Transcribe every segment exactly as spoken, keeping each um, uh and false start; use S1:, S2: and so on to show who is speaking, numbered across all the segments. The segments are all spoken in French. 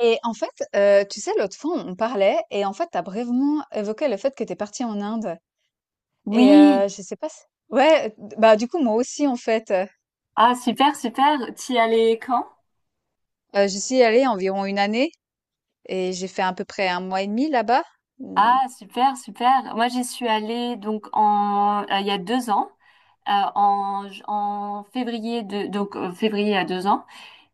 S1: Et en fait, heu, tu sais, l'autre fois, on parlait et en fait, tu as brièvement évoqué le fait que tu es partie en Inde et
S2: Oui,
S1: heu, je sais pas s ouais, d bah, du coup, moi aussi, en fait, heu,
S2: ah super, super. Tu y allais quand?
S1: heu, j'y suis allée environ une année et j'ai fait à peu près un mois et demi là-bas. Mmh,
S2: Ah super, super. Moi j'y suis allée donc en euh, il y a deux ans, euh, en, en février de donc euh, février à deux ans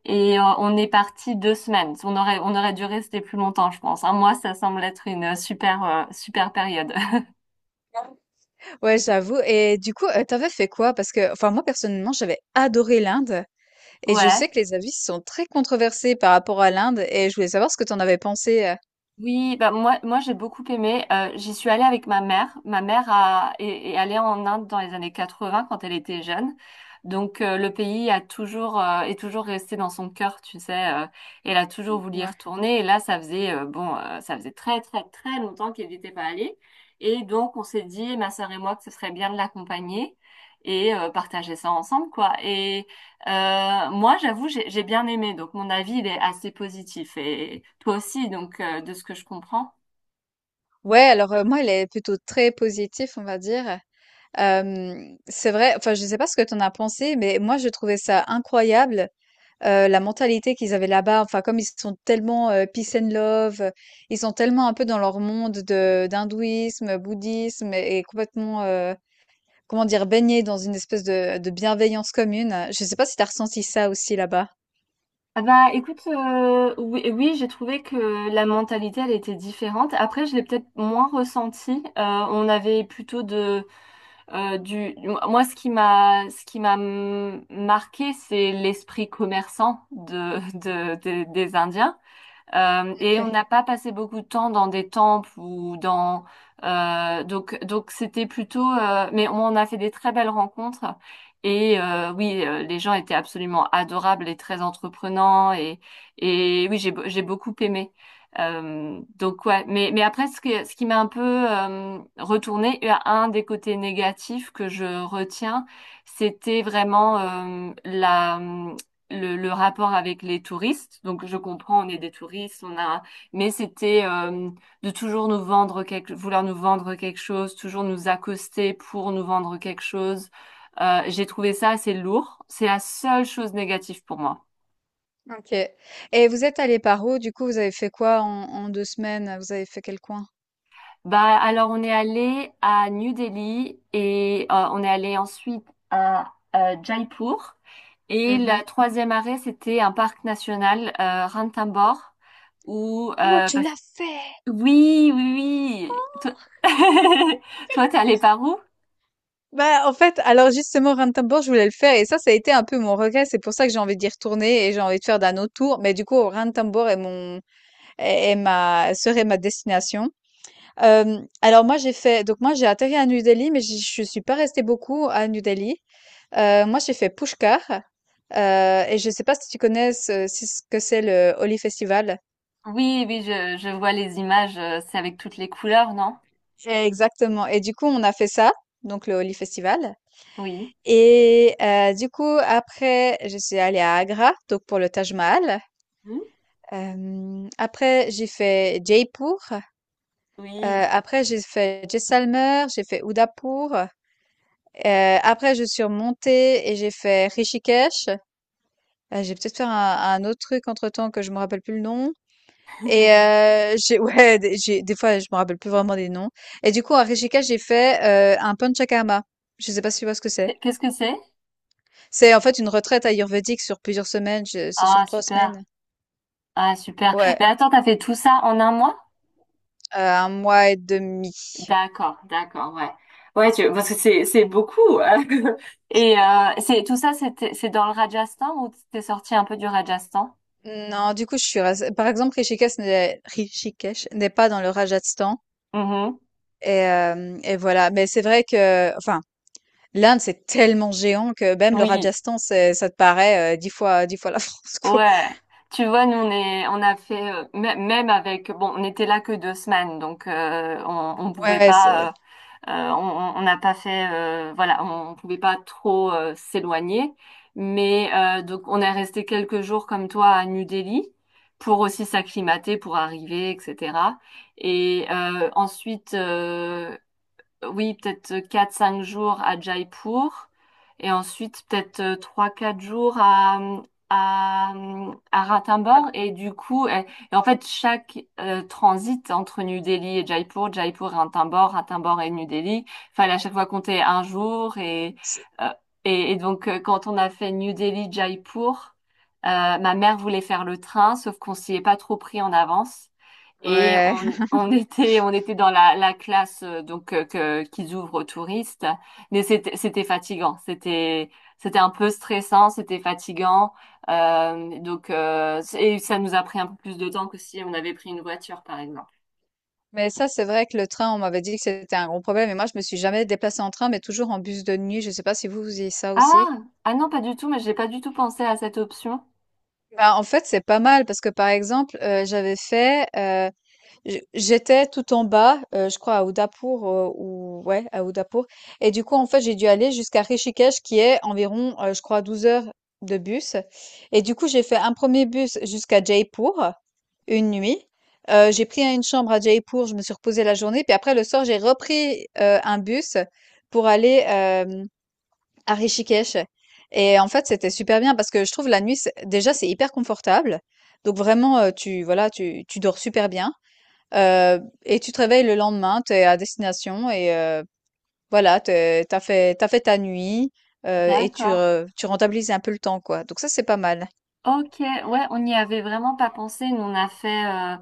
S2: et euh, on est parti deux semaines. On aurait on aurait dû rester plus longtemps je pense. Un mois ça semble être une super euh, super période.
S1: ouais, j'avoue. Et du coup, heu, tu fait quoi? Parce que enfin, moi, personnellement, j'avais adoré l'Inde et je
S2: Ouais.
S1: sais que les avis sont très controversés par rapport à l'Inde, et je voulais savoir ce que t'en avais pensé, heu?
S2: Oui, bah moi, moi j'ai beaucoup aimé. Euh, j'y suis allée avec ma mère. Ma mère a, est, est allée en Inde dans les années quatre-vingts quand elle était jeune. Donc euh, le pays a toujours euh, est toujours resté dans son cœur, tu sais. Euh, elle a toujours voulu y
S1: Ouais.
S2: retourner. Et là, ça faisait euh, bon, euh, ça faisait très très très longtemps qu'elle n'était pas allée. Et donc on s'est dit, ma sœur et moi, que ce serait bien de l'accompagner et euh, partager ça ensemble, quoi. Et euh, moi, j'avoue, j'ai j'ai bien aimé, donc mon avis, il est assez positif. Et toi aussi, donc, euh, de ce que je comprends.
S1: Ouais, alors, heu, moi, il est plutôt très positif, on va dire. Hem, c'est vrai, enfin, je sais pas ce que tu en as pensé, mais moi, je trouvais ça incroyable, heu, la mentalité qu'ils avaient là-bas. Enfin, comme ils sont tellement, heu, peace and love, heu, ils sont tellement un peu dans leur monde de d'hindouisme, bouddhisme et et complètement, heu, comment dire? Baignés dans une espèce de de bienveillance commune. Je sais pas si tu as ressenti ça aussi là-bas?
S2: Ah bah écoute, euh, oui, oui, j'ai trouvé que la mentalité, elle était différente. Après, je l'ai peut-être moins ressenti. Euh, on avait plutôt de, euh, du, moi, ce qui m'a, ce qui m'a marqué, c'est l'esprit commerçant de, de, de- des Indiens. Euh, et on
S1: OK.
S2: n'a pas passé beaucoup de temps dans des temples ou dans euh, donc donc c'était plutôt euh, mais on a fait des très belles rencontres et euh, oui euh, les gens étaient absolument adorables et très entreprenants et et oui j'ai be- j'ai beaucoup aimé. Euh, donc ouais, mais mais après ce que ce qui m'a un peu euh, retourné, un des côtés négatifs que je retiens, c'était vraiment euh, la le, le rapport avec les touristes. Donc je comprends, on est des touristes, on a, mais c'était euh, de toujours nous vendre quelque, vouloir nous vendre quelque chose, toujours nous accoster pour nous vendre quelque chose. Euh, j'ai trouvé ça assez lourd. C'est la seule chose négative pour moi.
S1: Ok. Et vous êtes allé par où? Du coup, vous avez fait quoi en, en deux semaines? Vous avez fait quel coin?
S2: Bah alors on est allé à New Delhi et euh, on est allé ensuite à euh, Jaipur. Et la
S1: Mhm.
S2: troisième arrêt, c'était un parc national, euh, Ranthambore, où
S1: Oh,
S2: euh,
S1: tu
S2: parce
S1: l'as fait!
S2: Oui, oui, oui. Toi, toi, t'es allé par où?
S1: Bah, en fait, alors justement, Ranthambore, je voulais le faire et ça, ça a été un peu mon regret. C'est pour ça que j'ai envie d'y retourner et j'ai envie de faire d'un autre tour. Mais du coup, Ranthambore est mon, est, est ma, serait ma destination. Euh, alors moi, j'ai fait, donc moi, j'ai atterri à New Delhi, mais j'y- je suis pas restée beaucoup à New Delhi. Euh, moi, j'ai fait Pushkar. Euh, et je sais pas si tu connais ce, si ce que c'est le Holi Festival.
S2: Oui, oui, je, je vois les images. euh, C'est avec toutes les couleurs, non?
S1: Exactement. Et du coup, on a fait ça, donc le Holi Festival.
S2: Oui.
S1: Et heu, du coup, après, je suis allée à Agra, donc pour le Taj Mahal.
S2: Hmm.
S1: Hem, après, j'ai fait Jaipur.
S2: Oui.
S1: Heu, après, j'ai fait Jaisalmer, j'ai fait Udaipur. Heu, après, je suis remontée et j'ai fait Rishikesh. Heu, j'ai peut-être fait un un autre truc entre-temps que je me rappelle plus le nom, et heu, j'ai ouais, des j'ai des fois, je me rappelle plus vraiment des noms. Et du coup, à Rishikesh, j'ai fait, heu, un Panchakarma. Je sais pas si tu vois ce que c'est?
S2: Qu- Qu'est-ce que c'est?
S1: C'est en fait une retraite ayurvédique sur plusieurs semaines, je- c'est
S2: Ah,
S1: sur trois
S2: super.
S1: semaines.
S2: Ah, super.
S1: Ouais,
S2: Mais attends, t'as fait tout ça en un mois?
S1: euh, un mois et demi.
S2: D'accord, d'accord, ouais. Ouais, tu- parce que c'est, c'est beaucoup. Et euh, c'est tout ça, c'était, c'est dans le Rajasthan ou t'es sorti un peu du Rajasthan?
S1: Non, du coup, je suis restée- Par exemple, Rishikesh n'est Rishikesh n'est pas dans le Rajasthan.
S2: Mhm.
S1: Et, euh, et voilà. Mais c'est vrai que, enfin, l'Inde, c'est tellement géant que même le
S2: Oui.
S1: Rajasthan, c'est, ça te paraît euh, dix fois, dix fois la France, quoi.
S2: Ouais, tu vois, nous on est, on a fait euh, mê- même avec, bon, on était là que deux semaines, donc euh, on, on pouvait
S1: Ouais,
S2: pas,
S1: c'est,
S2: euh, euh, on on- on n'a pas fait, euh, voilà, on pouvait pas trop euh, s'éloigner, mais euh, donc on est resté quelques jours comme toi à New Delhi pour aussi s'acclimater, pour arriver, et cætera. Et euh, ensuite, euh, oui, peut-être euh, quatre cinq jours à Jaipur et ensuite peut-être euh, trois quatre jours à, à, à Ranthambore. Et du coup, et- et en fait, chaque euh, transit entre New Delhi et Jaipur, Jaipur et Ranthambore, Ranthambore et New Delhi, fallait à chaque fois compter un jour. Et,
S1: c'est-
S2: euh, et, et donc, euh, quand on a fait New Delhi-Jaipur, euh, ma mère voulait faire le train, sauf qu'on s'y est pas trop pris en avance. Et
S1: ouais.
S2: on, on était, on était dans la, la classe euh, donc euh, que, qu'ils ouvrent aux touristes, mais c'était, c'était fatigant, c'était, c'était un peu stressant, c'était fatigant. Euh, donc euh, et ça nous a pris un peu plus de temps que si on avait pris une voiture, par exemple.
S1: Mais ça, c'est vrai que le train, on m'avait dit que c'était un gros problème. Et moi, je me suis jamais déplacée en train, mais toujours en bus de nuit. Je sais pas si vous, vous avez ça aussi.
S2: Ah, ah non, pas du tout, mais j'ai pas du tout pensé à cette option.
S1: Bah, en fait, c'est pas mal parce que, par exemple, euh, j'avais fait, euh, J j'étais tout en bas, heu, je crois à Udaipur, heu, ou ouais, à Udaipur. Et du coup, en fait, j'ai dû aller jusqu'à Rishikesh qui est environ, heu, je crois douze heures de bus. Et du coup, j'ai fait un premier bus jusqu'à Jaipur, une nuit. Heu, j'ai pris une chambre à Jaipur, je me suis reposée la journée, puis après le soir, j'ai repris, heu, un bus pour aller, hem, à Rishikesh. Et en fait, c'était super bien parce que je trouve la nuit, c'est déjà, c'est hyper confortable. Donc vraiment, heu, tu voilà, tu tu dors super bien, euh, et tu te réveilles le lendemain, tu es à destination et euh, voilà, t'es- t'as fait, t'as fait ta nuit, euh, et tu,
S2: D'accord.
S1: re- tu rentabilises un peu le temps, quoi. Donc ça, c'est pas mal.
S2: Ok, ouais, on n'y avait vraiment pas pensé. Nous, on a fait, euh,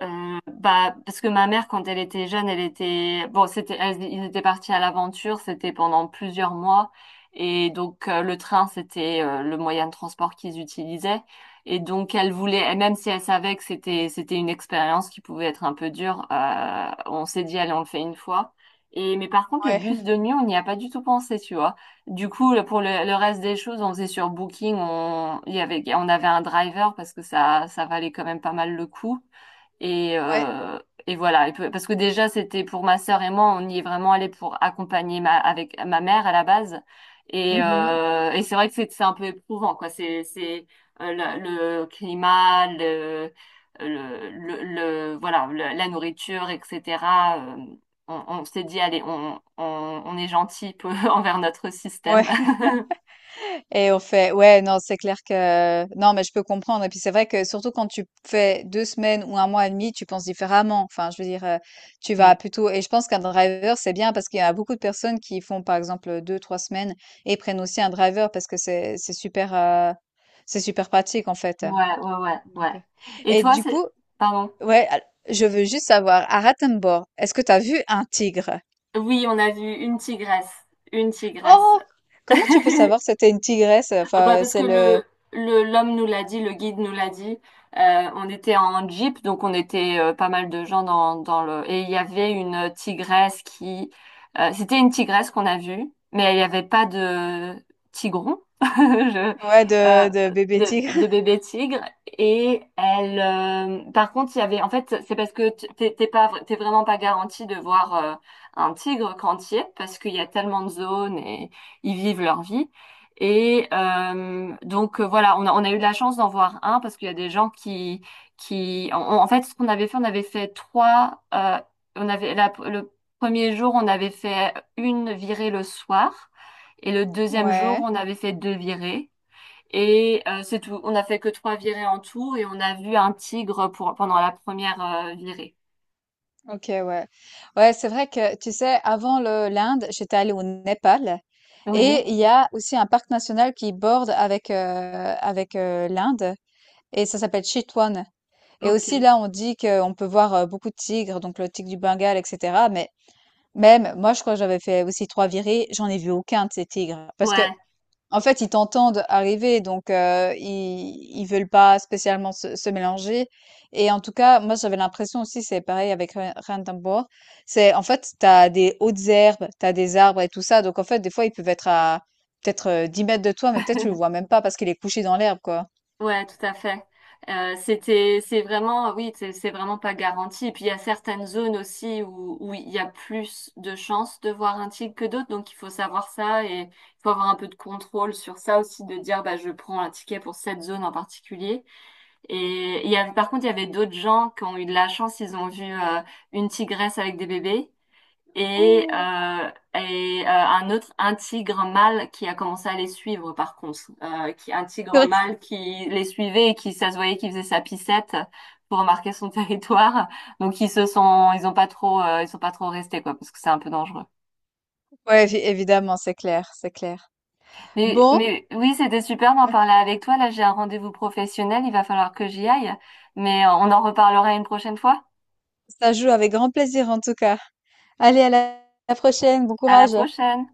S2: euh, bah, parce que ma mère, quand elle était jeune, elle était, bon, c'était, elle- ils étaient partis à l'aventure, c'était pendant plusieurs mois, et donc euh, le train, c'était euh, le moyen de transport qu'ils utilisaient, et donc elle voulait, et même si elle savait que c'était, c'était une expérience qui pouvait être un peu dure, euh, on s'est dit, allez, on le fait une fois. Et mais par contre, le
S1: Ouais.
S2: bus de nuit, on n'y a pas du tout pensé, tu vois. Du coup, le- pour le, le reste des choses, on faisait sur Booking, on, il y avait, on avait un driver parce que ça, ça valait quand même pas mal le coup. Et,
S1: Ouais.
S2: euh, et voilà. Et peu- parce que déjà, c'était pour ma sœur et moi, on y est vraiment allé pour accompagner ma, avec ma mère à la base. Et,
S1: Mhm.
S2: euh, et c'est vrai que c'est c'est un peu éprouvant, quoi. C'est, c'est euh, le, le climat, le, le, le, le- voilà, le- la nourriture, et cætera. Euh, on on s'est dit, allez, on, on, on est gentil peu envers notre
S1: Ouais.
S2: système.
S1: Et on fait, ouais, non, c'est clair que, non, mais je peux comprendre. Et puis c'est vrai que surtout quand tu fais deux semaines ou un mois et demi, tu penses différemment. Enfin, je veux dire, euh, tu vas
S2: Mm.
S1: plutôt, et je pense qu'un driver, c'est bien parce qu'il y a beaucoup de personnes qui font, par exemple, deux, trois semaines et prennent aussi un driver parce que c'est, c'est super, euh, c'est super pratique, en fait.
S2: Ouais, ouais, ouais,
S1: Donc,
S2: ouais. Et
S1: et
S2: toi,
S1: du coup,
S2: c'est... Pardon.
S1: ouais, al- je veux juste savoir, à Ratenborg, est-ce que tu as vu un tigre?
S2: Oui, on a vu une tigresse. Une tigresse.
S1: Oh! Comment tu peux savoir si c'était une tigresse?
S2: Ah bah
S1: Enfin,
S2: parce que
S1: c'est le,
S2: le, le- l'homme nous l'a dit, le guide nous l'a dit. Euh, on était en jeep, donc on était euh, pas mal de gens dans, dans le... Et il y avait une tigresse qui... euh, c'était une tigresse qu'on a vue, mais il n'y avait pas de tigron, je-
S1: ouais,
S2: euh,
S1: de, de bébé
S2: de,
S1: tigre.
S2: de bébé tigre. Et elle... euh, par contre, il y avait... En fait, c'est parce que t- t'es t'es pas, t'es vraiment pas garanti de voir euh, un tigre quand tu y es, parce qu'il y a tellement de zones et ils vivent leur vie. Et euh, donc euh, voilà, on a, on a eu de la chance d'en voir un parce qu'il y a des gens qui qui en, en fait ce qu'on avait fait, on avait fait trois. Euh, on avait la- le premier jour, on avait fait une virée le soir et le deuxième jour,
S1: Ouais,
S2: on avait fait deux virées. Et euh, c'est tout. On a fait que trois virées en tout et on a vu un tigre pour pendant la première euh, virée.
S1: ok, ouais. Ouais, c'est vrai que, tu sais, avant le l'Inde, j'étais allée au Népal,
S2: Oui.
S1: et il y a aussi un parc national qui borde avec, euh, avec euh, l'Inde, et ça s'appelle Chitwan. Et
S2: Ok.
S1: aussi là, on dit qu'on peut voir euh, beaucoup de tigres, donc le tigre du Bengale, et cetera. Mais même, moi, je crois que j'avais fait aussi trois virées, j'en ai vu aucun de ces tigres. Parce que
S2: Ouais.
S1: En fait, ils t'entendent arriver, donc heu, ils ils veulent pas spécialement se se mélanger, et en tout cas, moi, j'avais l'impression aussi, c'est pareil avec Ren Ranthambore, c'est en fait, t'as des hautes herbes, t'as des arbres et tout ça, donc en fait, des fois, ils peuvent être à peut-être, heu, dix mètres m de toi, mais peut-être tu le vois même pas parce qu'il est couché dans l'herbe, quoi.
S2: Ouais, tout à fait. Euh, c'était, c'est vraiment, oui, c'est c'est vraiment pas garanti. Et puis il y a certaines zones aussi où, où il y a plus de chances de voir un tigre que d'autres, donc il faut savoir ça et il faut avoir un peu de contrôle sur ça aussi, de dire bah je prends un ticket pour cette zone en particulier. Et il y avait, par contre, il y avait d'autres gens qui ont eu de la chance, ils ont vu euh, une tigresse avec des bébés et, euh, et euh, un autre, un tigre mâle qui a commencé à les suivre par contre, euh, qui, un tigre mâle qui les suivait et qui, ça se voyait qu'il faisait sa pissette pour marquer son territoire. Donc ils se sont, ils ont pas trop, euh, ils sont pas trop restés quoi, parce que c'est un peu dangereux.
S1: Ouais, évi évidemment, c'est clair, c'est clair.
S2: Mais,
S1: Bon,
S2: mais oui, c'était super d'en parler avec toi. Là, j'ai un rendez-vous professionnel, il va falloir que j'y aille. Mais euh, on en reparlera une prochaine fois.
S1: ça joue avec grand plaisir en tout cas. Allez, à la à la prochaine, bon
S2: À la
S1: courage.
S2: prochaine.